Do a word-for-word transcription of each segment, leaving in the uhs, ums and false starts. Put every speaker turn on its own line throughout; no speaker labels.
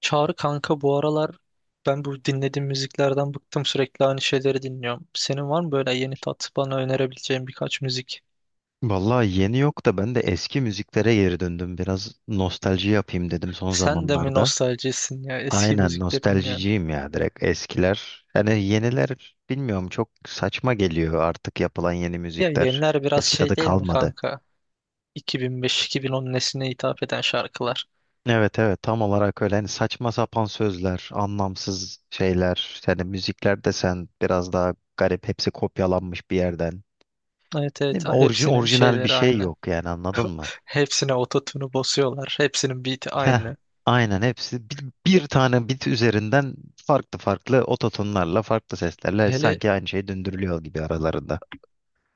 Çağrı kanka bu aralar ben bu dinlediğim müziklerden bıktım, sürekli aynı şeyleri dinliyorum. Senin var mı böyle yeni tat bana önerebileceğin birkaç müzik?
Vallahi yeni yok da ben de eski müziklere geri döndüm. Biraz nostalji yapayım dedim son
Sen de mi
zamanlarda.
nostaljisin ya, eski
Aynen
müzikleri dinliyorsun?
nostaljiciyim ya direkt eskiler. Yani yeniler bilmiyorum çok saçma geliyor artık yapılan yeni
Ya
müzikler.
yeniler biraz
Eski tadı
şey değil mi
kalmadı.
kanka? iki bin beş-iki bin on nesline hitap eden şarkılar.
Evet, evet, tam olarak öyle. Hani saçma sapan sözler, anlamsız şeyler. Yani müzikler desen biraz daha garip. Hepsi kopyalanmış bir yerden.
Evet
Ne
evet.
bileyim,
Ah,
orji-
hepsinin
orijinal bir
şeyleri
şey
aynı.
yok yani anladın mı?
Hepsine ototune'u basıyorlar. Hepsinin beat'i
Heh,
aynı.
aynen hepsi bir, bir tane bit üzerinden farklı farklı ototonlarla farklı seslerle
Hele
sanki aynı şey döndürülüyor gibi aralarında.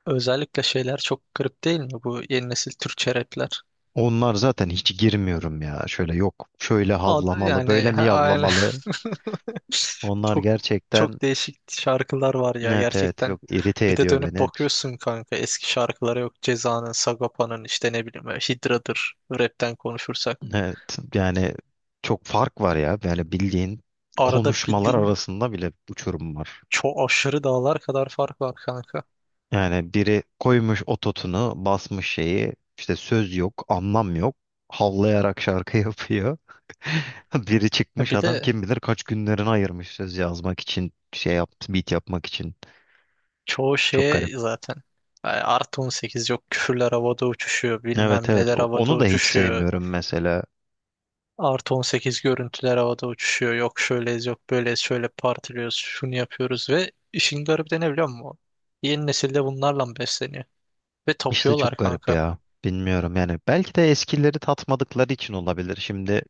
özellikle şeyler çok garip değil mi bu yeni nesil Türkçe rapler?
Onlar zaten hiç girmiyorum ya. Şöyle yok şöyle
Ad-
havlamalı
Yani
böyle mi
ha- aile
yavlamalı. Onlar
çok
gerçekten
çok değişik şarkılar var ya
evet, evet,
gerçekten.
yok irite
Bir de
ediyor
dönüp
beni.
bakıyorsun kanka, eski şarkılara yok. Ceza'nın, Sagopa'nın, işte ne bileyim hidradır rapten konuşursak.
Evet, yani çok fark var ya. Yani bildiğin
Arada
konuşmalar
bildiğin
arasında bile uçurum var.
çok aşırı dağlar kadar fark var kanka.
Yani biri koymuş ototunu, basmış şeyi, işte söz yok, anlam yok, havlayarak şarkı yapıyor. Biri
E,
çıkmış
Bir
adam
de
kim bilir kaç günlerini ayırmış söz yazmak için, şey yaptı, beat yapmak için.
çoğu
Çok garip.
şeye zaten yani artı on sekiz yok, küfürler havada uçuşuyor,
Evet,
bilmem
evet,
neler
o-
havada
onu da hiç
uçuşuyor.
sevmiyorum mesela.
Artı on sekiz görüntüler havada uçuşuyor. Yok şöyleyiz, yok böyleyiz, şöyle partiliyoruz, şunu yapıyoruz ve işin garibi de ne biliyor musun? Yeni nesilde bunlarla besleniyor. Ve
İşte çok
tapıyorlar
garip
kanka.
ya. Bilmiyorum yani belki de eskileri tatmadıkları için olabilir. Şimdi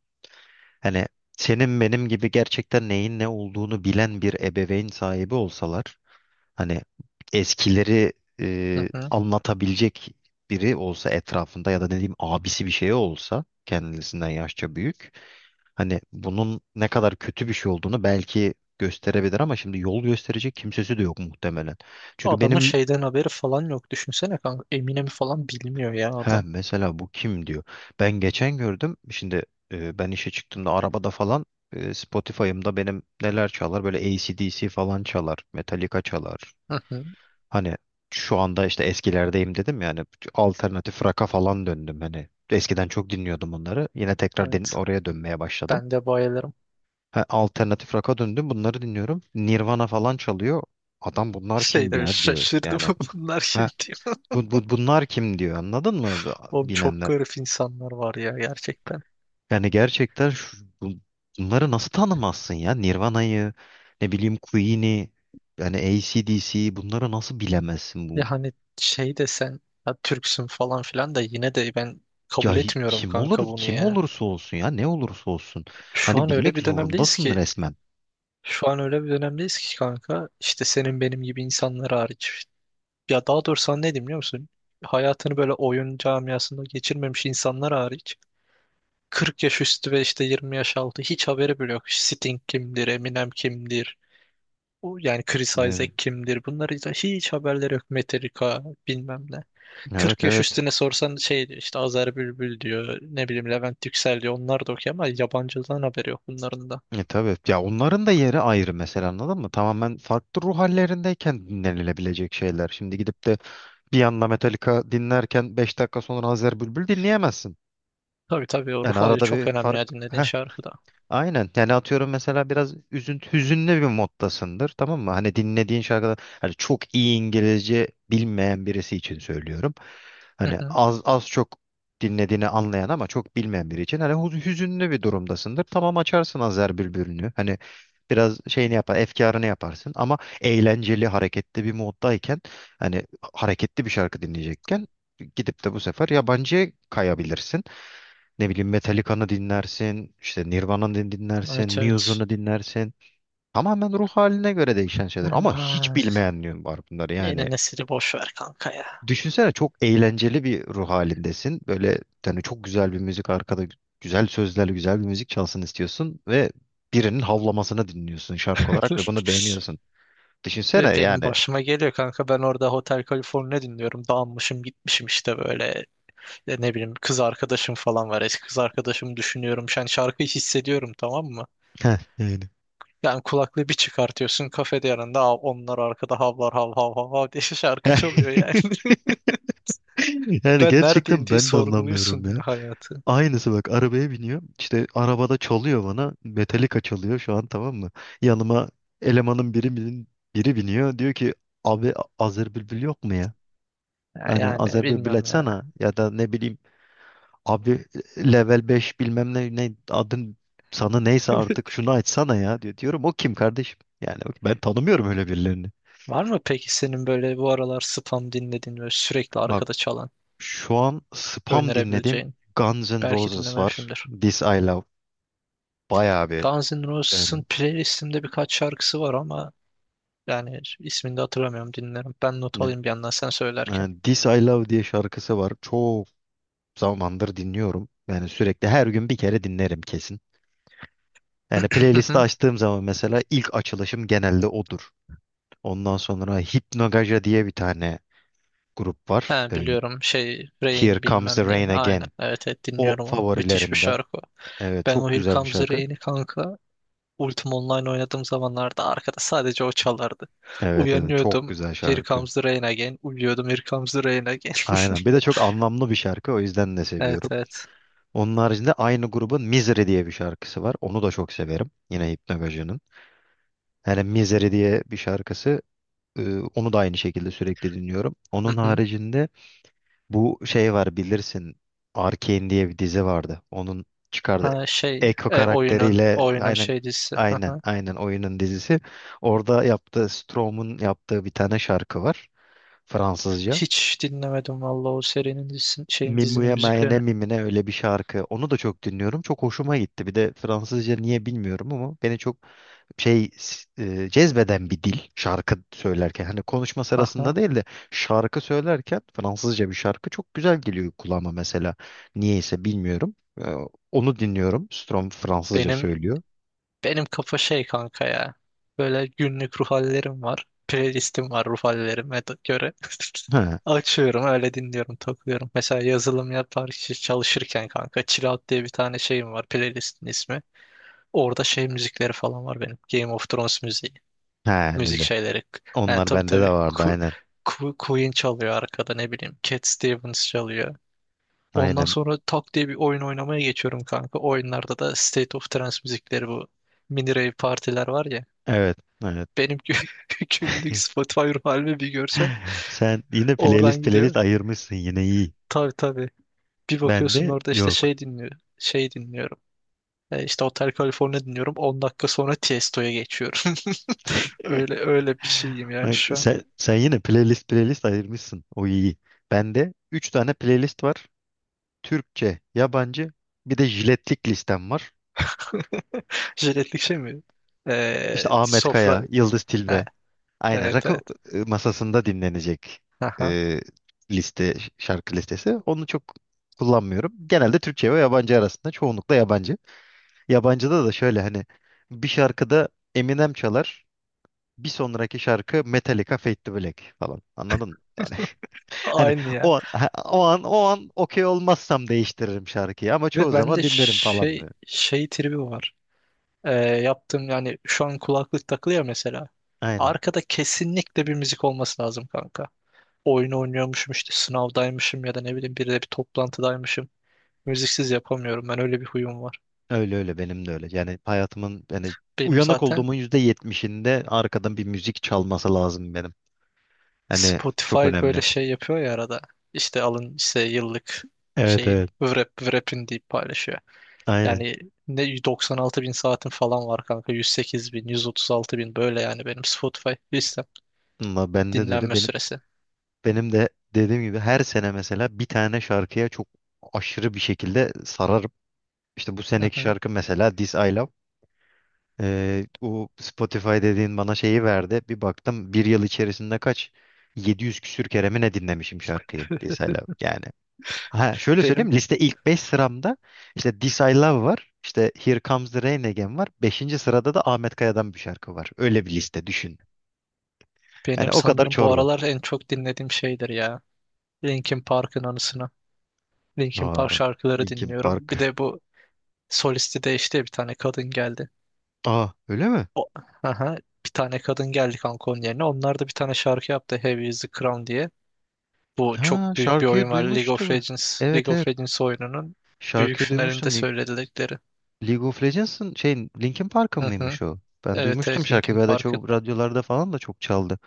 hani senin benim gibi gerçekten neyin ne olduğunu bilen bir ebeveyn sahibi olsalar. Hani eskileri
Hı
e,
hı.
anlatabilecek biri olsa etrafında ya da ne diyeyim abisi bir şey olsa kendisinden yaşça büyük. Hani bunun ne kadar kötü bir şey olduğunu belki gösterebilir ama şimdi yol gösterecek kimsesi de yok muhtemelen. Çünkü
Adamın
benim
şeyden haberi falan yok. Düşünsene kanka. Eminem'i falan bilmiyor ya
ha
adam.
mesela bu kim diyor. Ben geçen gördüm. Şimdi e, ben işe çıktığımda arabada falan e, Spotify'ımda benim neler çalar? Böyle A C/D C falan çalar, Metallica çalar.
Hı hı.
Hani şu anda işte eskilerdeyim dedim yani alternatif rock'a falan döndüm hani. Eskiden çok dinliyordum bunları. Yine tekrar din
Evet.
oraya dönmeye başladım.
Ben de bayılırım.
Ha, alternatif rock'a döndüm. Bunları dinliyorum. Nirvana falan çalıyor. Adam bunlar
Şey
kim
demiş,
ya diyor.
şaşırdım
Yani
bunlar
ha,
şimdi.
bu, bu, bunlar kim diyor. Anladın mı
Oğlum çok
bilenler?
garip insanlar var ya gerçekten.
Yani gerçekten şu, bu- bunları nasıl tanımazsın ya? Nirvana'yı, ne bileyim Queen'i, yani A C/D C bunları nasıl bilemezsin?
Ya
Bu...
hani şey desen, ya Türksün falan filan, da yine de ben
Ya
kabul
hi-
etmiyorum
kim
kanka
olur
bunu
kim
ya.
olursa olsun ya ne olursa olsun.
Şu
Hani
an öyle
bilmek
bir dönemdeyiz
zorundasın
ki
resmen.
şu an öyle bir dönemdeyiz ki kanka, işte senin benim gibi insanlar hariç. Ya daha doğrusu sana ne diyeyim biliyor musun? Hayatını böyle oyun camiasında geçirmemiş insanlar hariç kırk yaş üstü ve işte yirmi yaş altı hiç haberi bile yok. Sting kimdir, Eminem kimdir, o yani Chris Isaac
Ne-
kimdir, bunları da hiç haberleri yok. Metallica bilmem ne.
Evet,
kırk yaş
evet.
üstüne sorsan şey diyor, işte Azer Bülbül diyor, ne bileyim Levent Yüksel diyor, onlar da okuyor ama yabancıdan haberi yok bunların da.
E, tabii. Ya onların da yeri ayrı mesela anladın mı? Tamamen farklı ruh hallerindeyken dinlenilebilecek şeyler. Şimdi gidip de bir yanda Metallica dinlerken beş dakika sonra Azer Bülbül dinleyemezsin.
Tabii tabii, o ruh
Yani
hali
arada
çok
bir
önemli
fark.
ya dinlediğin
Heh,
şarkıda.
Aynen. Yani atıyorum mesela biraz üzüntü, hüzünlü bir moddasındır. Tamam mı? Hani dinlediğin şarkıda hani çok iyi İngilizce bilmeyen birisi için söylüyorum.
Hı
Hani
hı.
az az çok dinlediğini anlayan ama çok bilmeyen biri için hani huz- hüzünlü bir durumdasındır. Tamam açarsın Azer Bülbül'ünü. Hani biraz şeyini yapar, efkarını yaparsın ama eğlenceli, hareketli bir moddayken hani hareketli bir şarkı dinleyecekken gidip de bu sefer yabancıya kayabilirsin. Ne bileyim Metallica'nı dinlersin, işte Nirvana'nı
Evet
dinlersin,
evet.
Muse'unu dinlersin. Tamamen ruh haline göre değişen şeyler ama hiç
Aman.
bilmeyenliğin var bunları yani.
Yeni nesili boş ver kanka ya.
Düşünsene çok eğlenceli bir ruh halindesin. Böyle yani çok güzel bir müzik arkada güzel sözlerle güzel bir müzik çalsın istiyorsun ve birinin havlamasını dinliyorsun şarkı olarak ve bunu beğeniyorsun.
Ve
Düşünsene
benim
yani.
başıma geliyor kanka, ben orada Hotel California dinliyorum, dağılmışım gitmişim işte böyle. E, ne bileyim kız arkadaşım falan var, eski kız arkadaşımı düşünüyorum, yani şarkıyı hissediyorum, tamam mı?
Heh, yani.
Yani kulaklığı bir çıkartıyorsun kafede, yanında "Aa, onlar arkada havlar, hav hav hav hav" diye şarkı çalıyor yani.
Yani
Ben neredeyim
gerçekten
diye
ben de
sorguluyorsun
anlamıyorum ya.
ya hayatı.
Aynısı bak arabaya biniyor. İşte arabada çalıyor bana. Metallica çalıyor şu an tamam mı? Yanıma elemanın biri, bin- biri biniyor. Diyor ki abi A- Azer Bülbül yok mu ya?
Ya
Hani
yani,
Azer Bülbül
bilmiyorum ya.
açsana ya da ne bileyim abi level beş bilmem ne, ne adın sana neyse artık şunu açsana ya diyor. Diyorum o kim kardeşim? Yani bak, ben tanımıyorum öyle birilerini.
Var mı peki senin böyle bu aralar spam dinlediğin ve sürekli
Bak
arkada çalan
şu an spam dinledim.
önerebileceğin?
Guns N'
Belki
Roses var.
dinlememişimdir.
This I Love. Bayağı bir
Guns N' Roses'ın
beğendim.
playlistimde birkaç şarkısı var ama yani ismini de hatırlamıyorum, dinlerim. Ben not alayım bir yandan sen
Ee,
söylerken.
This I Love diye şarkısı var. Çok zamandır dinliyorum. Yani sürekli her gün bir kere dinlerim kesin. Yani playlisti açtığım zaman mesela ilk açılışım genelde odur. Ondan sonra Hypnogaja diye bir tane grup var.
He
Ee,
biliyorum, şey
Here
Rain
Comes the
bilmem ne.
Rain
Aynen,
Again.
evet evet,
O
dinliyorum onu. Müthiş bir
favorilerimden.
şarkı o.
Evet
Ben o
çok
Here
güzel bir
Comes the
şarkı.
Rain'i kanka Ultima Online oynadığım zamanlarda arkada sadece o çalardı.
Evet, evet çok
Uyanıyordum
güzel
Here
şarkı.
Comes the Rain Again. Uyuyordum Here Comes the Rain Again.
Aynen. Bir de çok anlamlı bir şarkı. O yüzden de
Evet
seviyorum.
evet.
Onun haricinde aynı grubun Misery diye bir şarkısı var. Onu da çok severim. Yine Hypnogaja'nın. Yani Misery diye bir şarkısı. Ee, Onu da aynı şekilde sürekli dinliyorum.
Hı
Onun
hı.
haricinde bu şey var bilirsin. Arcane diye bir dizi vardı. Onun çıkardı.
Ha şey,
Echo
e, oyunun
karakteriyle
oyunun
aynen
şey dizisi. Hı
aynen
hı.
aynen oyunun dizisi. Orada yaptığı Strom'un yaptığı bir tane şarkı var. Fransızca.
Hiç dinlemedim vallahi o serinin dizisinin şeyin dizinin
Mimuya Mayene
müziklerini.
Mimine öyle bir şarkı. Onu da çok dinliyorum. Çok hoşuma gitti. Bir de Fransızca niye bilmiyorum ama beni çok şey e, cezbeden bir dil şarkı söylerken. Hani konuşma
Hı hı.
sırasında değil de şarkı söylerken Fransızca bir şarkı çok güzel geliyor kulağıma mesela. Niyeyse bilmiyorum. E, onu dinliyorum. Strom Fransızca
Benim
söylüyor.
Benim kafa şey kanka ya. Böyle günlük ruh hallerim var. Playlistim var ruh hallerime de- göre.
Ha,
Açıyorum, öyle dinliyorum, takılıyorum. Mesela yazılım yapar çalışırken kanka Chill Out diye bir tane şeyim var, playlistin ismi. Orada şey müzikleri falan var benim. Game of Thrones müziği.
ha
Müzik
öyle.
şeyleri. Yani
Onlar
tabii
bende de
tabii,
vardı
Ku-
aynen.
Ku- Queen çalıyor arkada, ne bileyim. Cat Stevens çalıyor. Ondan
Aynen.
sonra tak diye bir oyun oynamaya geçiyorum kanka. Oyunlarda da State of Trance müzikleri, bu mini rave partiler var ya,
Evet. Evet.
benim gü- günlük Spotify halimi bir görsen
Sen yine
oradan
playlist
gidiyor.
playlist ayırmışsın yine iyi.
Tabii tabii. Bir bakıyorsun
Bende
orada işte
yok.
şey dinliyor. Şey dinliyorum. E, işte Hotel California dinliyorum. On dakika sonra Tiesto'ya geçiyorum. Öyle öyle bir şeyim yani
Bak
şu an.
sen, sen yine playlist playlist ayırmışsın. O iyi. Bende üç tane playlist var. Türkçe, yabancı, bir de jiletlik listem var.
Jiletlik şey mi? E,
İşte Ahmet
sofra.
Kaya, Yıldız
Ha,
Tilbe. Aynen
evet
rakı
evet.
e, masasında dinlenecek
Aha.
e, liste, şarkı listesi. Onu çok kullanmıyorum. Genelde Türkçe ve yabancı arasında. Çoğunlukla yabancı. Yabancıda da şöyle hani bir şarkıda Eminem çalar. Bir sonraki şarkı Metallica Fade to Black falan. Anladın mı? Yani hani
Aynı ya.
o an ha- o an o an okey olmazsam değiştiririm şarkıyı ama çoğu
Ve bende
zaman dinlerim falan
şey
böyle.
şey tribi var. E, yaptığım yani şu an kulaklık takılı ya mesela.
Aynen.
Arkada kesinlikle bir müzik olması lazım kanka. Oyun oynuyormuşum, işte sınavdaymışım ya da ne bileyim biriyle bir toplantıdaymışım. Müziksiz yapamıyorum. Ben öyle bir huyum var.
Öyle öyle benim de öyle. Yani hayatımın yani
Benim
uyanık
zaten
olduğumun yüzde yetmişinde arkadan bir müzik çalması lazım benim. Hani çok
Spotify böyle
önemli.
şey yapıyor ya arada. İşte alın işte yıllık
Evet,
şeyin
evet.
vrap vrap'in deyip paylaşıyor.
Aynen.
Yani ne doksan altı bin saatin falan var kanka. yüz sekiz bin, yüz otuz altı bin, böyle yani benim Spotify listem
Ama bende de öyle.
dinlenme
Benim
süresi.
benim de dediğim gibi her sene mesela bir tane şarkıya çok aşırı bir şekilde sararım. İşte bu
Hı
seneki
hı.
şarkı mesela This I Love. Ee, o Spotify dediğin bana şeyi verdi. Bir baktım bir yıl içerisinde kaç yedi yüz küsür kere mi ne dinlemişim şarkıyı This I Love yani. Ha, şöyle söyleyeyim
Benim
liste ilk beş sıramda işte This I Love var. İşte Here Comes the Rain Again var. Beşinci sırada da Ahmet Kaya'dan bir şarkı var. Öyle bir liste düşün. Yani
benim
o kadar
sanırım bu
çorba.
aralar en çok dinlediğim şeydir ya. Linkin Park'ın anısına. Linkin Park
Aa,
şarkıları
Linkin
dinliyorum.
Park.
Bir de bu solisti de işte bir tane kadın geldi.
Aa öyle mi?
O, aha, bir tane kadın geldi kanka onun yerine. Onlar da bir tane şarkı yaptı, Heavy is the Crown diye. Bu
Ha
çok büyük bir
şarkıyı
oyun var. League of
duymuştum.
Legends,
Evet,
League of
evet
Legends oyununun büyük
şarkıyı
finalinde
duymuştum.
söyledikleri.
League of Legends'ın şey Linkin Park'ın
Hı hı.
mıymış o? Ben
Evet
duymuştum
evet,
şarkıyı.
Linkin
Bir ara
Park'ın.
çok radyolarda falan da çok çaldı.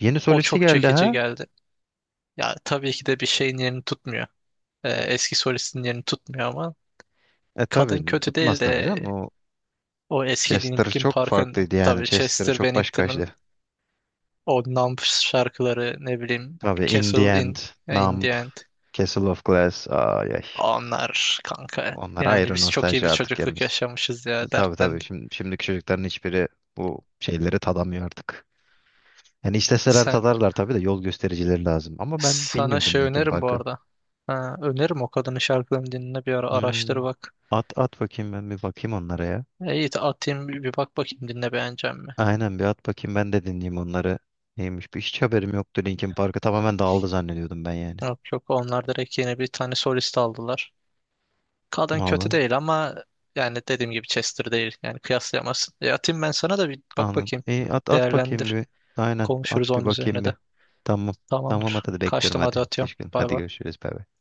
Yeni
O
solisti
çok
geldi
çekici
ha?
geldi. Ya tabii ki de bir şeyin yerini tutmuyor. Ee, eski solistin yerini tutmuyor ama
E
kadın
tabi
kötü değil
tutmaz tabii
de
canım. O
o eski
Chester
Linkin
çok
Park'ın,
farklıydı yani.
tabii
Chester
Chester
çok
Bennington'ın.
başkaydı.
O Numb şarkıları, ne bileyim,
Tabii In The
Castle in,
End,
in
Numb,
the End.
Castle of Glass. Ay ay.
Onlar kanka.
Onlar
Yani
ayrı
biz çok iyi
nostalji
bir
artık
çocukluk
yerimiz.
yaşamışız
E,
ya.
tabii
Dertten
tabii. Şimdi, şimdiki çocukların hiçbiri bu şeyleri tadamıyor artık. Yani isteseler
sen
tadarlar tabii de yol göstericileri lazım. Ama ben
sana
bilmiyordum
şey
Linkin
öneririm bu
Park'ı.
arada. Ha, öneririm o kadının şarkılarını dinle bir ara, araştır
Hmm.
bak.
At at bakayım ben bir bakayım onlara ya.
E, İyi de atayım bir bir bak bakayım, dinle beğeneceğim mi?
Aynen bir at bakayım ben de dinleyeyim onları. Neymiş bir hiç haberim yoktu Linkin Park'ı tamamen dağıldı zannediyordum ben yani.
Yok yok, onlar direkt yeni bir tane solist aldılar. Kadın kötü
Vallahi
değil ama yani dediğim gibi Chester değil. Yani kıyaslayamazsın. E atayım ben sana da, bir bak
anladım.
bakayım.
İyi at at bakayım
Değerlendir.
bir. Aynen at
Konuşuruz
bir
onun
bakayım
üzerine
bir.
de.
Tamam. Tamam
Tamamdır.
at hadi bekliyorum
Kaçtım hadi,
hadi.
atıyorum.
Teşekkür ederim.
Bay
Hadi
bay.
görüşürüz. Bay bay.